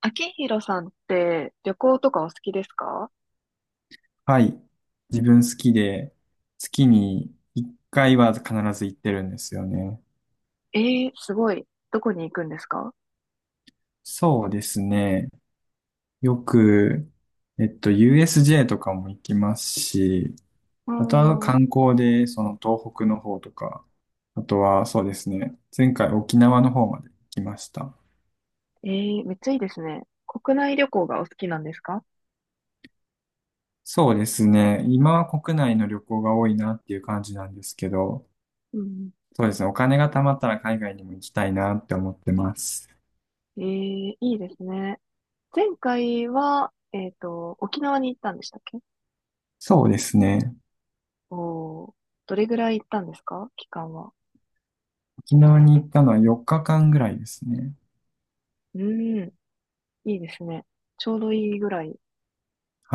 秋広さんって旅行とかお好きですか？はい。自分好きで、月に1回は必ず行ってるんですよね。えー、すごい。どこに行くんですか？そうですね。よく、USJ とかも行きますし、うあとはーん。観光で、その東北の方とか、あとはそうですね。前回沖縄の方まで行きました。えー、めっちゃいいですね。国内旅行がお好きなんですか？そうですね。今は国内の旅行が多いなっていう感じなんですけど、うん。そうですね。お金が貯まったら海外にも行きたいなって思ってます。えー、いいですね。前回は、沖縄に行ったんでしたっけ？そうですね。おー、どれぐらい行ったんですか、期間は？沖縄に行ったのは4日間ぐらいですね。うーん、いいですね。ちょうどいいぐらい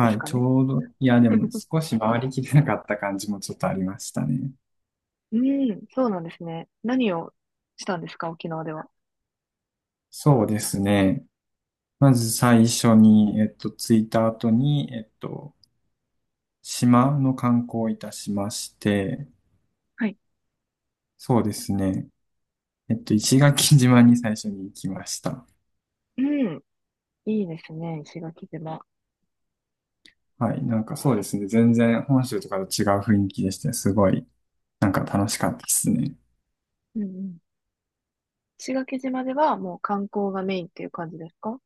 ですい、かちね。ょうど、いや、でも 少し回りきれなかった感じもちょっとありましたね。うーん、そうなんですね。何をしたんですか、沖縄では？そうですね。まず最初に、着いた後に、島の観光をいたしまして、はい。そうですね。石垣島に最初に行きました。うん。いいですね、石垣島。はい、なんかそうですね。全然本州とかと違う雰囲気でして、すごい、なんか楽しかったですね。うんうん。石垣島ではもう観光がメインっていう感じですか？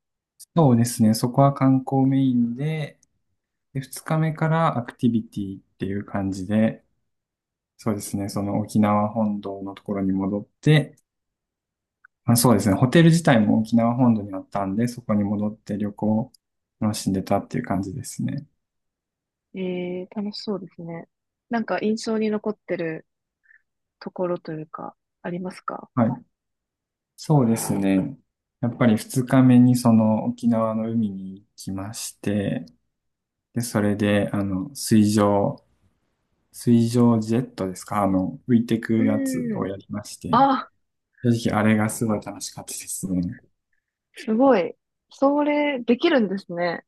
そうですね。そこは観光メインで、で、二日目からアクティビティっていう感じで、そうですね、その沖縄本島のところに戻って、まあ、そうですね、ホテル自体も沖縄本島にあったんで、そこに戻って旅行を楽しんでたっていう感じですね。ええー、楽しそうですね。なんか印象に残ってるところというか、ありますか？はい。そうですね。やっぱり二日目にその沖縄の海に行きまして、で、それで、あの、水上ジェットですか、あの、浮いてくうやつーをん。やりまして、あ、正直あれがすごい楽しかったですね。すごい。それ、できるんですね。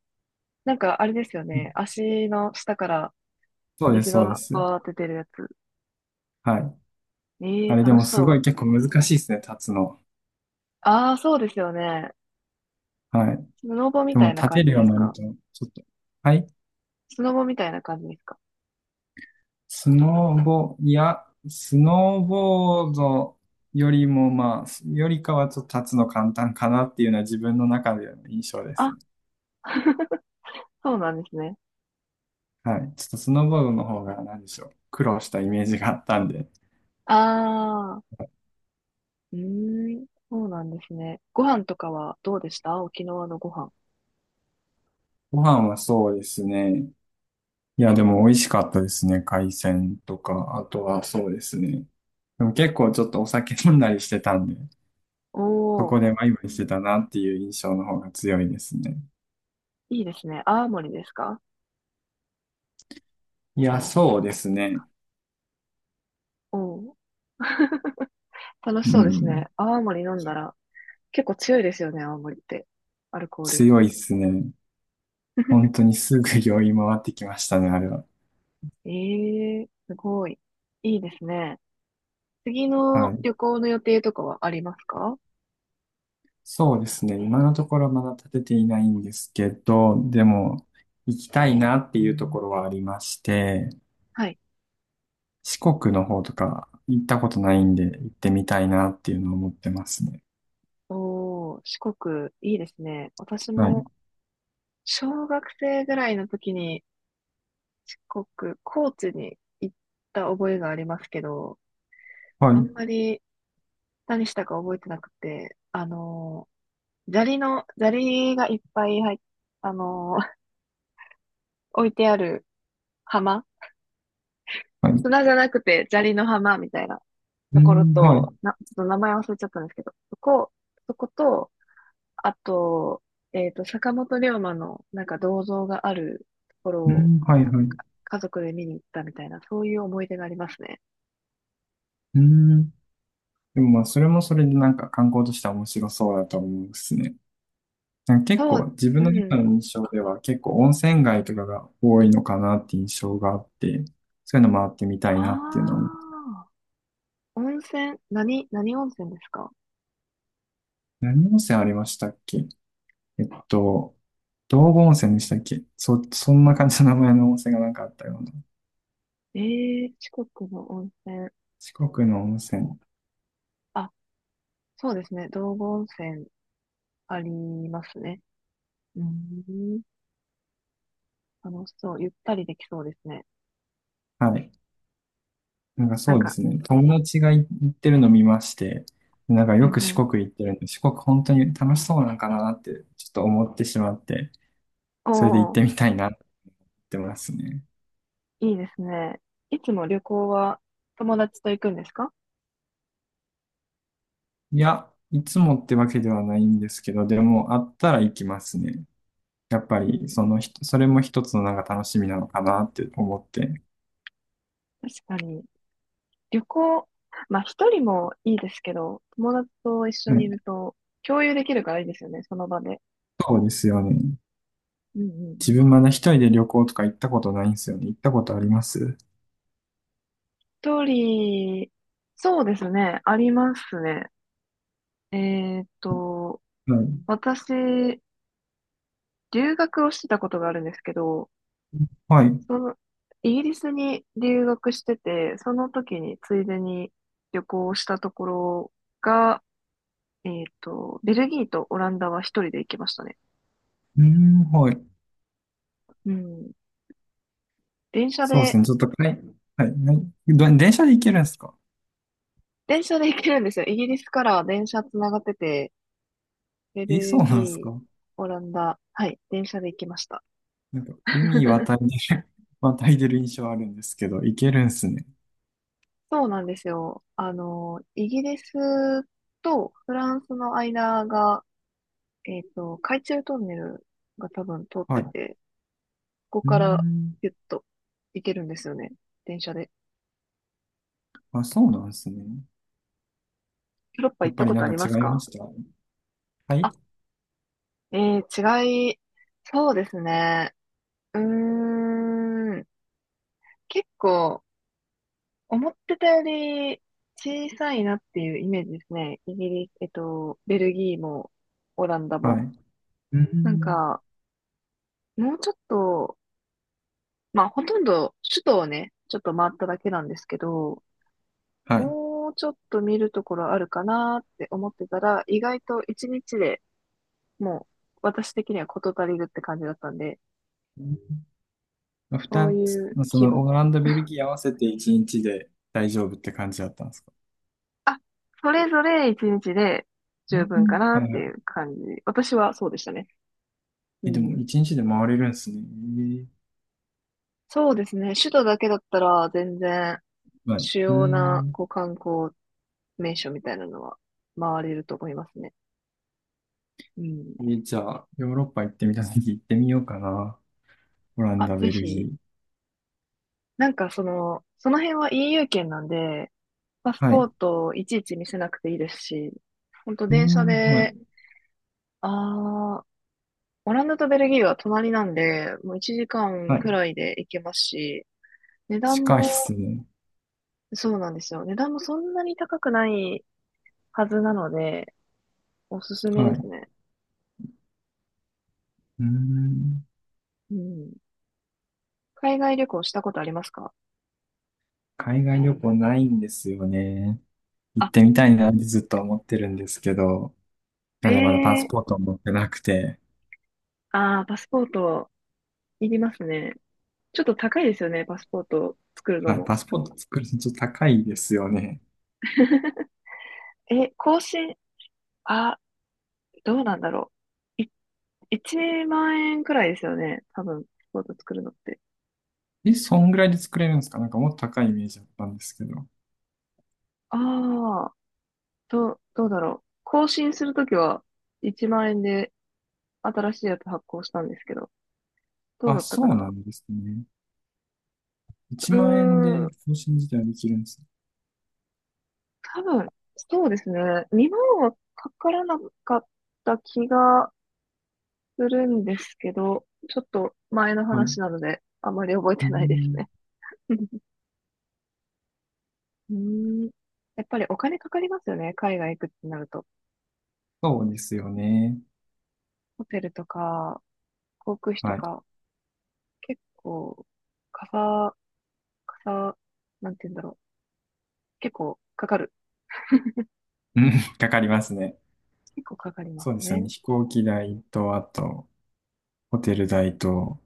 なんかあれですよね。足の下からそうです、水そうでがす。バーって出るやつ。はい。えあえー、れで楽もしすそごう。い結構難しいですね、立つの。ああ、そうですよね。はい。スノボみでもたいな立て感るじよでうすになるか？と、ちょっと。はい。スノボみたいな感じですか？スノーボ、いや、スノーボードよりもまあ、よりかはちょっと立つの簡単かなっていうのは自分の中での印象であ、すね。そうなんですね。はい。ちょっとスノーボードの方が何でしょう。苦労したイメージがあったんで。ああ。うーん、そうなんですね。ご飯とかはどうでした、沖縄のご飯？ご飯はそうですね。いや、でも美味しかったですね。海鮮とか、あとはそうですね。でも結構ちょっとお酒飲んだりしてたんで。おそー、こでワイワイしてたなっていう印象の方が強いですね。いいですね。泡盛ですか？いや、そうですね。おー、楽しうそうですね。ん。泡盛飲んだら、結構強いですよね、泡盛って。アルコール。強いですね。本当にすぐ酔い回ってきましたね、あれは。えー、すごい。いいですね。次はのい。旅行の予定とかはありますか？そうですね。今のところまだ立てていないんですけど、でも、行きたいなっていうところはありまして、はい。四国の方とか行ったことないんで行ってみたいなっていうのを思ってますね。おー、四国、いいですね。私はい。も、小学生ぐらいの時に、四国、高知に行った覚えがありますけど、はあんい。まり何したか覚えてなくて、砂利の、砂利がいっぱい入っ、あのー、置いてある浜はい。砂じゃなくて砂利の浜みたいなうところん、はと、い。ちょっと名前忘れちゃったんですけど、そこと、あと、坂本龍馬のなんか銅像があるところうをん、はい、はい。家族で見に行ったみたいな、そういう思い出がありますね。うん。でもまあ、それもそれでなんか観光としては面白そうだと思うですね。なんか結そ構う、自分うの中ん。の印象では結構温泉街とかが多いのかなって印象があって、そういうの回ってみたあいなっていうのも。あ、温泉、何温泉ですか？何温泉ありましたっけ。えっと、道後温泉でしたっけ。そんな感じの名前の温泉がなんかあったような。ええ、四国の温泉。四国の温泉。あ、そうですね。道後温泉ありますね。うーん。楽しそう。ゆったりできそうですね。はい。なんかなんそうでか、すね。友達が行ってるの見まして、なんかうよんくう四ん。国行ってるんで、四国本当に楽しそうなんかなってちょっと思ってしまって、おそれで行っー、てみたいなって思いますね。いいですね。いつも旅行は友達と行くんですか？いや、いつもってわけではないんですけど、でもあったら行きますね。やっぱうり、ん。そのひ、それも一つのなんか楽しみなのかなって思って。確かに。旅行、まあ一人もいいですけど、友達と一緒はい、にいると共有できるからいいですよね、その場で。そうですよね。うんうん自うん。分まだ一人で旅行とか行ったことないんですよね。行ったことあります一人、そうですね、ありますね。えーっと、はい。私、留学をしてたことがあるんですけど、はい。うその、イギリスに留学してて、その時についでに旅行したところが、ベルギーとオランダは一人で行きましたね。ーん、はい。うん。電車そうですで、ね。ちょっと、はい。はい。はい、電車で行けるんですか。電車で行けるんですよ。イギリスから電車つながってて、ベえ、そうルなんですギー、か。オランダ、はい、電車で行きました。なんか、海 渡りで 渡り出る印象あるんですけど、行けるんすね。そうなんですよ。イギリスとフランスの間が海中トンネルが多分通っはい。てうて、ここーからん。ピュッと行けるんですよね。電車で。あ、そうなんですね。ヨーロッパや行っっぱたりこなとんあかりま違すいまか？したはい。あ、えー、そうですね。うーん、結構、思ってたより小さいなっていうイメージですね。イギリス、ベルギーも、オランダはい。も。うーなんん。か、もうちょっと、まあ、ほとんど首都をね、ちょっと回っただけなんですけど、はい。もうちょっと見るところあるかなって思ってたら、意外と一日でもう私的には事足りるって感じだったんで、うん。ふそうたいつ、うそ規の模。オランダ、ベルギー合わせて一日で大丈夫って感じだったんですか。あ、それぞれ一日で十う分かん、なっはいてはいい。う感じ。私はそうでしたね。うえ、でもん。一日で回れるんですね。えそうですね。首都だけだったら全然え、はい。主う要なん。こう観光名所みたいなのは回れると思いますね。うん。え、じゃあ、ヨーロッパ行ってみたとき行ってみようかな。オランあ、ダ、ぜベルひ、ギー。なんかその辺は EU 圏なんで、パスはい。ポーうトをいちいち見せなくていいですし、ほんと電車ん、はい。で、あー、オランダとベルギーは隣なんで、もう1時間はくい。らいで行けますし、値段近いっも、すね。そうなんですよ。値段もそんなに高くないはずなので、おすすめはでい。すうね。ん。うん。海外旅行したことありますか？海外旅行ないんですよね。行っあ、てみたいなってずっと思ってるんですけど、えなんでまだパえスー、ポートを持ってなくて、ああ、パスポートいりますね。ちょっと高いですよね、パスポート作るのはい、も。パス ポート作るのちょっと高いですよね。え、更新、あ、どうなんだろう。1万円くらいですよね。多分、スポーツ作るのって。え、そんぐらいで作れるんですか。なんかもっと高いイメージだったんですけど。ああ、どうだろう。更新するときは1万円で新しいやつ発行したんですけど、どうあ、だったそかうな。なんですね。1うー万円でん、更新自体はできるんですね。多分、そうですね。2万はかからなかった気がするんですけど、ちょっと前のはい。う話なので、あまり覚えーてないですね。ん、うーん、やっぱりお金かかりますよね。海外行くってなると。そうですよね。ホテルとか、航空費とはい。か。結構、かさ、かさ、なんて言うんだろう。結構かかる。うん、かかりますね。結構かかりまそうですすよね。ね。飛行機代と、あと、ホテル代と、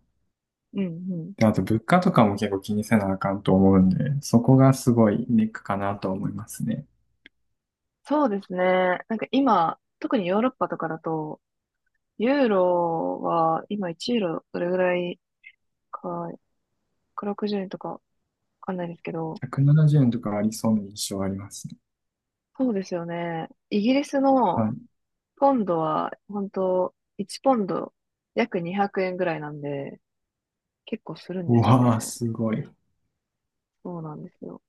うんうん。で、あと物価とかも結構気にせなあかんと思うんで、そこがすごいネックかなと思いますね。そうですね。なんか今、特にヨーロッパとかだと、ユーロは今1ユーロどれぐらいか、160円とかわかんないですけど、170円とかありそうな印象ありますね。そうですよね。イギリスはのい。ポンドは、本当1ポンド約200円ぐらいなんで、結構するんうですよわー、ね。すごい。そうなんですよ。